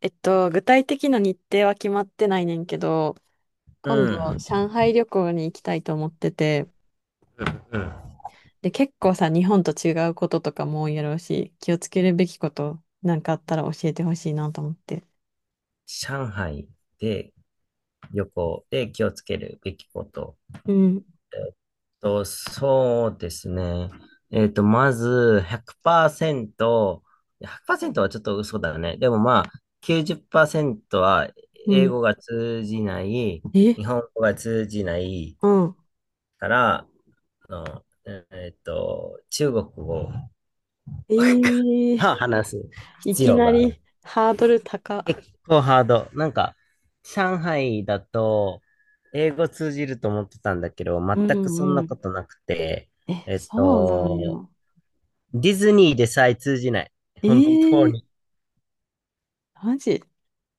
具体的な日程は決まってないねんけど、う今度、ん。上海旅行に行きたいと思ってて、うん。で、結構さ、日本と違うこととかも多いやろうし、気をつけるべきことなんかあったら教えてほしいなと思って。上海で旅行で気をつけるべきこと。うん、と、そうですね。まず100%、100%はちょっと嘘だね。でもまあ、90%はう英ん。語が通じない、え、日本語が通じないうん。から、あの、中国語をえー、話すい必き要ながある。りハードル高。結構ハード。なんか、上海だと、英語通じると思ってたんだけど、う全くそんんうなこん。となくて、え、えっそうなんと、よ。ディズニーでさえ通じない。え本当ー、に。マジ。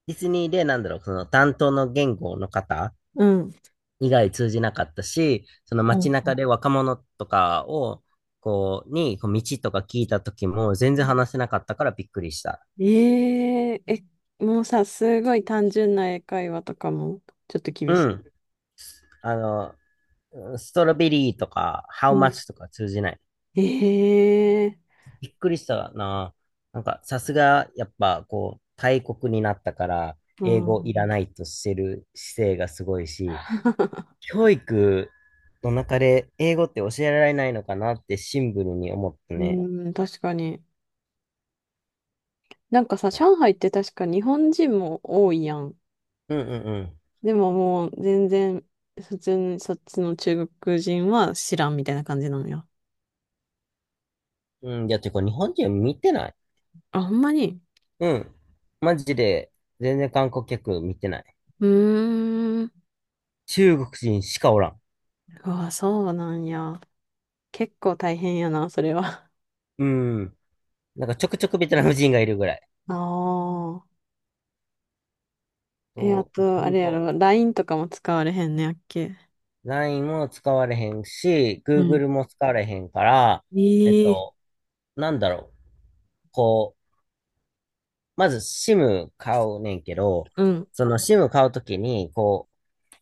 ディズニーで、なんだろう、その担当の言語の方うん。以外通じなかったし、そのう街ん。中で若者とかを、こう、に、こう道とか聞いた時も全然話せなかったからびっくりした。えええ、もうさ、すごい単純な英会話とかも、ちょっとう厳しん。い。あの、ストロベリーとか、ハうウマッん。チとか通じない。ええ。びっくりしたな。なんか、さすが、やっぱ、こう、大国になったから、う英語いらん、ないとしてる姿勢がすごいし、教育の中で英語って教えられないのかなってシンプルに思ったうね。ん、確かに。なんかさ、上海って確か日本人も多いやん。うんうんでももう全然、普通にそっちの中国人は知らんみたいな感じなのよ。うん。うん、いや、てか、日本人見てない。あ、ほんまに。うん。マジで、全然観光客見てない。うーん。中国人しかおらん。うわ、そうなんや。結構大変やな、それは。うん。なんか、ちょくちょくベトナム人がいるぐらい。ああ。え、あそう、と、あほんれやと。ろ、LINE とかも使われへんねやっけ。LINE も使われへんし、うん。Google も使われへんから、えっええ。と、なんだろう。こう、まず SIM 買うねんけど、うん、その SIM 買うときに、こ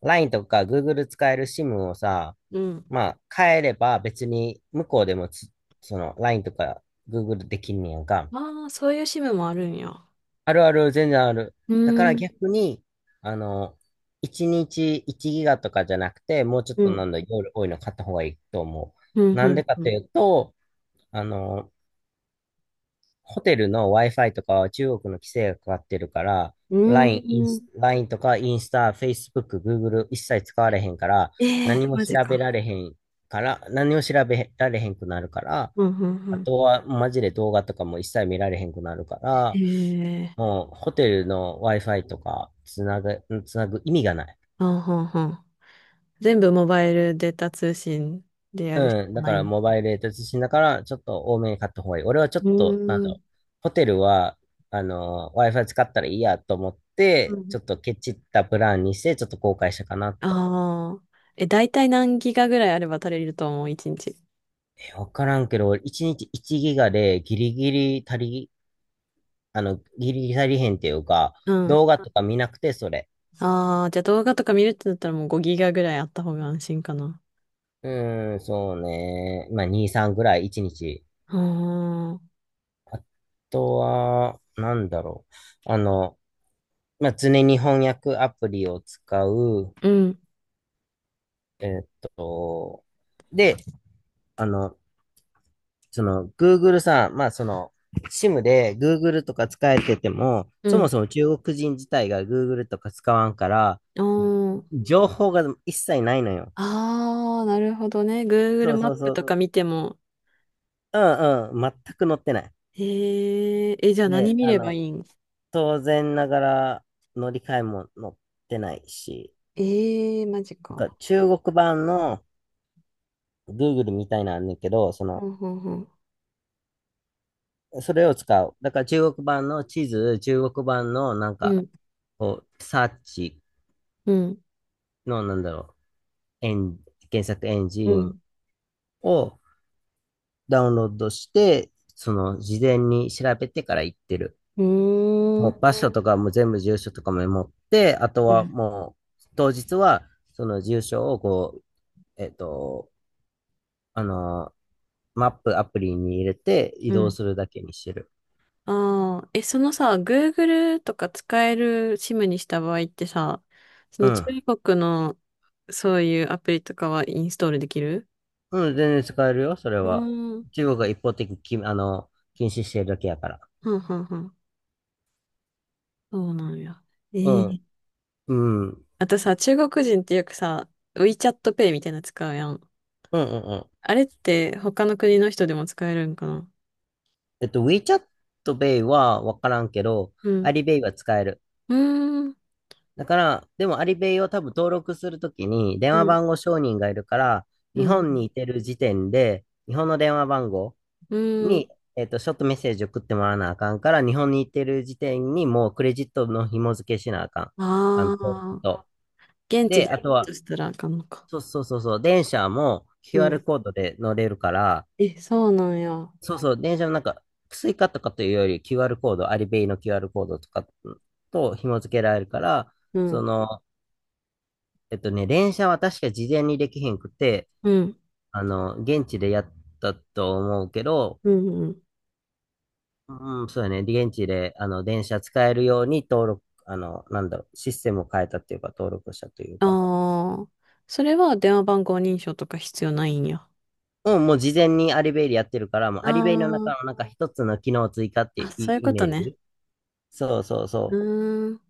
う、LINE とか Google 使える SIM をさ、うん。まあ、変えれば別に向こうでもその LINE とか Google できんねやんか。ああ、そういう支部もあるんや。あるある、全然ある。うだからーん、逆に、あの、1日1ギガとかじゃなくて、もうちょっうとなん、んだ、夜多いの買った方がいいと思うん、う。なうんん、でかうとん。いうと、あの、ホテルの Wi-Fi とかは中国の規制がかかってるから、うー LINE、イん。ンス LINE とかインスタ、Facebook、Google 一切使われへんから、え何え、もマ調ジか。べられへん何も調べられへんくなるから、うん、うん、うあん。とはマジで動画とかも一切見られへんくなるから、ええ。もうホテルの Wi-Fi とかつなぐ意味がない。あんはんはん。全部モバイルデータ通信でやるしうん。かだかないら、ん。モバイルで通信だから、ちょっと多めに買った方がいい。俺はちょっうと、なんーだん、ろう。ホテルは、Wi-Fi 使ったらいいやと思っうて、ちん。ょっとケチったプランにして、ちょっと後悔したかなと。ああ、え、大体何ギガぐらいあれば足りると思う、一日。え、わからんけど、俺1日1ギガでギリギリ足りへんっていうか、うん。動画とか見なくて、それ。ああ、じゃあ動画とか見るってなったらもう5ギガぐらいあった方が安心かな。うーん、そうね。まあ、2、3ぐらい1日。ああ、あとは、なんだろう。まあ、常に翻訳アプリを使う。うん、えーっと、で、あの、その、Google さん、まあ、その、SIM で Google とか使えてても、うそもん。そも中国人自体が Google とか使わんから、ああ、情報が一切ないのよ。ああ、なるほどね。そ Google うマッそうプそとう。か見ても。うんうん。全く載ってない。えー、え、じゃあ何で、見ればいいん。当然ながら乗り換えも載ってないし、えー、マジなんかか。中国版の Google みたいなんだけど、そほの、んほんほん。それを使う。だから中国版の地図、中国版のなんうか、ん、こう、サーチうん、の、なんだろう、検索エンジうンん。をダウンロードして、その、事前に調べてから行ってる。うーもう、ん、場所とかも全部住所とかも持って、あとうはん、もう、当日は、その住所を、こう、えっと、あのマップアプリに入れて移う動ん。するだけにしてる。ああ、え、そのさ、Google とか使える SIM にした場合ってさ、そうの中ん。国のそういうアプリとかはインストールできる。うん、全然使えるよ、それうは。ーん。中国が一方的にき、あの、禁止してるだけやから。はんはんはん。そうなんや。うえん。え。うん。うんあとさ、中国人ってよくさ、WeChat Pay みたいなの使うやん。うんうん。あれって他の国の人でも使えるんかな。WeChat Pay はわからんけど、うん。Alipay は使える。うーん。だから、でも Alipay を多分登録するときに電う話ん。番号承認がいるから、う日本にん。いてる時点で、日本の電話番号うに、ん。ショートメッセージ送ってもらわなあかんから、日本にいてる時点にもうクレジットの紐付けしなあかん。あ登録あと。ー、現地で、であやるとは、としたらあかんのか。そうそうそうそう、電車も う QR ん。コードで乗れるから、え、そうなんや。そうそう、電車のなんか、スイカとかというより QR コード、アリベイの QR コードとかと紐付けられるから、うそん。の、電車は確か事前にできへんくて、うん。現地でやったと思うけど、うん。うん。うん、そうやね、現地で、電車使えるように登録、なんだろう、システムを変えたっていうか、登録したというか、ああ、それは電話番号認証とか必要ないんや。うん、もう事前にアリベイでやってるから、もうアあリベイの中のなんか一つの機能追加ってあ、あ、いうそうイいうイことメーね。ジそうそううそう。ーん。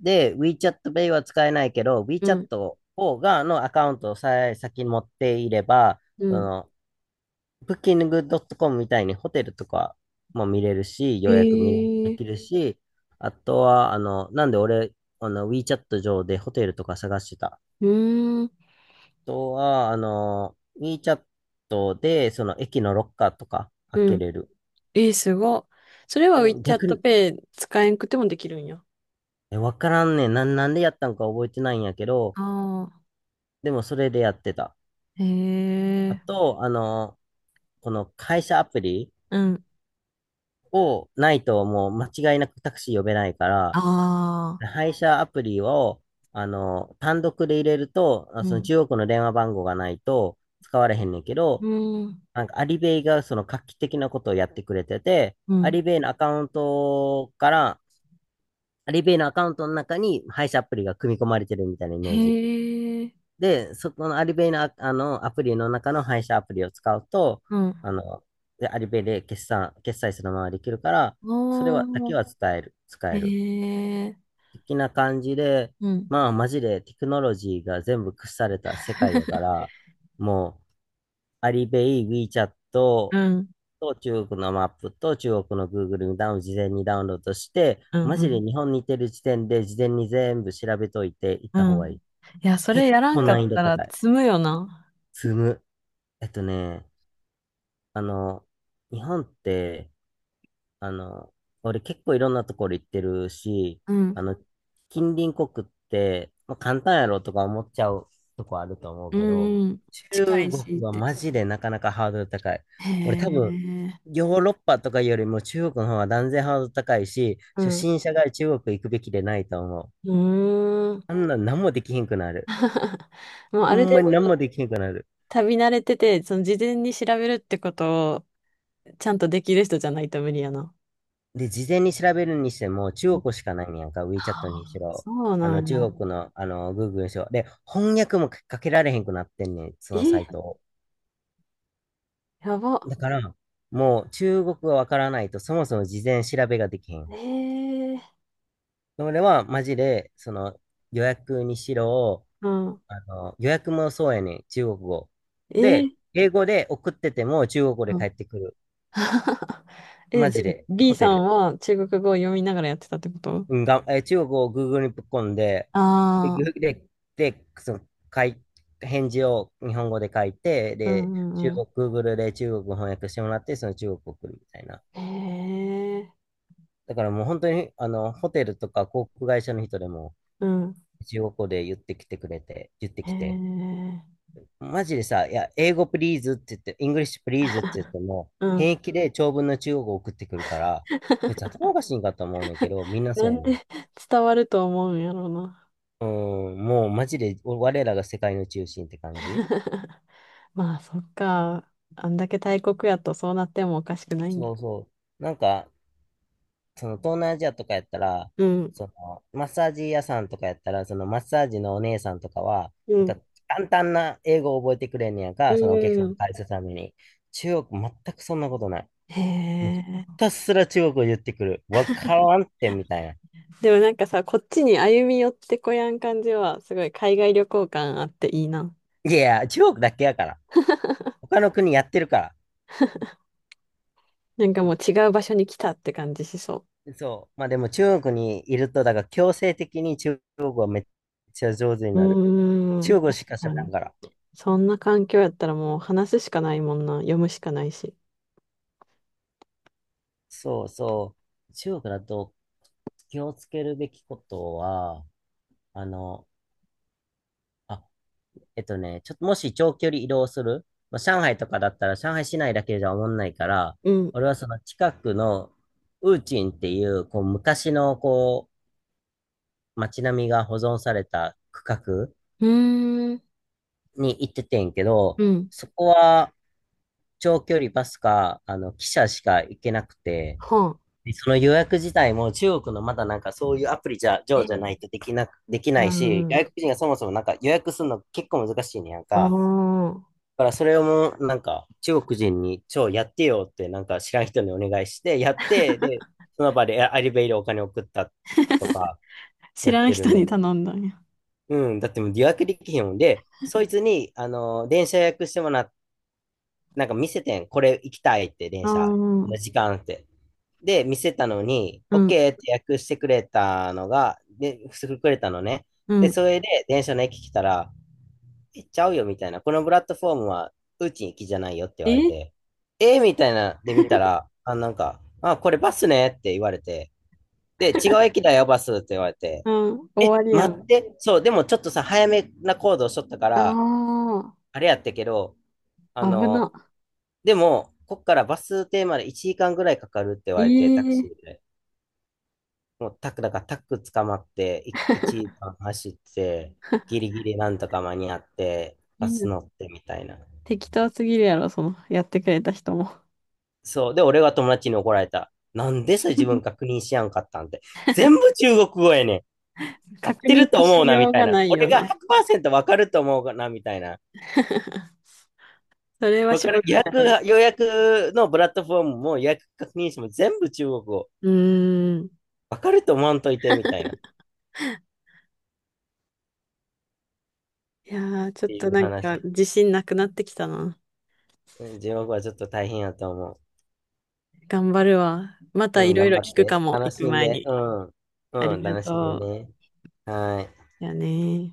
で、WeChat Pay は使えないけど、う WeChat ん。のアカウントをさえ先に持っていれば、うそん。の、Booking.com みたいにホテルとかも見れるし、予へ約見れでえ。きるし、あとは、なんで俺、WeChat 上でホテルとか探してた。あうーん。とは、WeChat で、その、駅のロッカーとか開うけん。れる。えー、すごっ。それは うん、WeChat 逆に、Pay 使えんくてもできるんや。え、わからんねん。なんでやったんか覚えてないんやけど、ああ。でもそれでやってた。へあえ、と、この配車アプリうん。をないともう間違いなくタクシー呼べないから、ああ、配車アプリを、単独で入れると、うそのん。中国の電話番号がないと使われへんねんけうど、ん。なんかアリベイがその画期的なことをやってくれてて、うアん。リベイのアカウントから、アリベイのアカウントの中に配車アプリが組み込まれてるみたいなイへメージ。え、で、そこのアリベイの、あのアプリの中の配車アプリを使うと、うん。あの、で、アリベイで決済するままできるから、それは、だおけー、は伝える、使へえる。え、的な感じで、うん。まあ、マジでテクノロジーが全部屈された世界やか ら、もう、アリベイ、WeChat うとん。中国のマップと中国の Google にダウン、事前にダウンロードして、うん。マうジでん。日本にいてる時点で事前に全部調べといて行っうた方がいん。い。いや、それ結やらん構か難易っ度たら高い。積むよな。積む。えっとね、あの、日本って、あの、俺結構いろんなところ行ってるし、うん。あの、近隣国って、まあ、簡単やろとか思っちゃうとこあると思ううけど、ん。うん。近中いしっ国はて。マジでなかなかハードル高い。へ俺多分、え、ヨーロッパとかよりも中国の方が断然ハードル高いし、う初ん。心者が中国行くべきでないと思う。うーん。あんな何もできひんくなる。もうあほるん程まに何も度できひんくなる。旅慣れてて、その事前に調べるってことをちゃんとできる人じゃないと無理やな。で、事前に調べるにしても、中国しかないんやんか、は WeChat にしあ、ろ、そうなんや。中国の、Google にしろ。で、翻訳もかけられへんくなってんねん、そのサイえ、トを。やば。だから、もう中国がわからないと、そもそも事前調べができへん。えー、それは、マジで、予約にしろ、うん。予約もそうやねん、中国語。えで、ー、英語で送ってても、中国語でう帰っん。てくる。え、マじゃジあ、で、B ホさテんル。は中国語を読みながらやってたってこと。うん、がん、えー中国を Google にぶっ込んで、で、あぐあー、で、で、その、かい、返事を日本語で書いて、うで、ん中うんう国、Google で中国語翻訳してもらって、その中国を送るみたいな。ん。へえ、だからもう本当に、ホテルとか航空会社の人でも、うん。中国語で言ってきてくれて、言ってへきて、え、マジでさ、いや、英語プリーズって言って、イングリッシュプリーズって言っても、うん。平気で長文の中国語を送ってくるから、こいつ頭おかしいんかと思うねんけど、みんなそなうやんねん。で 伝わると思うんやろうな。うん、もうマジで我らが世界の中心って感じ。 まあ、そっか。あんだけ大国やとそうなってもおかしくないん。そうそう。なんか、その東南アジアとかやったら、うん、そのマッサージ屋さんとかやったら、そのマッサージのお姉さんとかは、うなんかん、簡単な英語を覚えてくれんねやんうか、そのお客さんのん。返すために。中国、全くそんなことない。へもうひえ。たすら中国を言ってくる。わからんってみたいな。でもなんかさ、こっちに歩み寄ってこやん感じは、すごい海外旅行感あっていいな。いやいや、中国だけやから。他の国やってるから。なんかもう違う場所に来たって感じしそそう。まあでも中国にいると、だから強制的に中国語はめっちゃ上手にう。なる。うーん。中国確しかか喋らんに。から。そんな環境やったらもう話すしかないもんな。読むしかないし。そうそう。中国だと気をつけるべきことは、あの、あ、ちょっともし長距離移動する、まあ、上海とかだったら上海市内だけじゃおもんないから、うん。う俺はその近くのウーチンっていう、こう昔のこう街並みが保存された区画ーん。に行っててんけど、うん。そこは、長距離バスか、あの、汽車しか行けなくて、はあ。でその予約自体も中国のまだなんかそういうアプリじゃ、上じゃなえいとえ。できなく、できうないし、んう外国ん。人がそもそもなんか予約するの結構難しいねやんあか。あ。だからそれをもうなんか中国人に超やってよってなんか知らん人にお願いして、やって、で、その場でアリベイでお金送ったとか知やっらんてる人にね。頼んだんや。うん、だってもう予約できへんもんで、そいつに、あの、電車予約してもらっなんか見せてん。これ行きたいって、あ電あ、車。うこのん、時間って。で、見せたのに、OK って訳してくれたのが、で、してくれたのね。うで、ん。それで電車の駅来たら、え、ちゃうよみたいな。このプラットフォームは、うち行きじゃないよって言われえ。て、えーみたいな、で見たら、あ、なんか、あ、これバスねって言われて、で、違う駅だよ、バスって言われて、うん、終え、わりや待ん。って、そう、でもちょっとさ、早めな行動しとったかあら、あれやったけど、ああ、危な。の、でも、こっからバス停まで1時間ぐらいかかるって言えわれて、タクシえ ーで。もうタク、だからタク捕まって、い1時間走って、ギ リギリなんとか間に合って、バみんスな乗ってみたいな。適当すぎるやろ、その、やってくれた人も。そう。で、俺は友達に怒られた。なんでそれ自分 確認しやんかったんて。全部中国語やねん。合っ確て認るのとし思うな、よみうたいがな。ない俺よがな。100%わかると思うな、みたいな。それはわしかょらう予がな約い。が、予約のプラットフォームも予約確認しても全部中国語。うーん。わかると思わんといて、みたいな。っいやー、ちょっていとうなんか話。自信なくなってきたな。うん、地獄はちょっと大変やと思頑張るわ。またう。ういん、ろい頑ろ張聞っくかて。も、楽行くしん前で。に。うん。あうりん、が楽しんでとね。はい。う。やねー。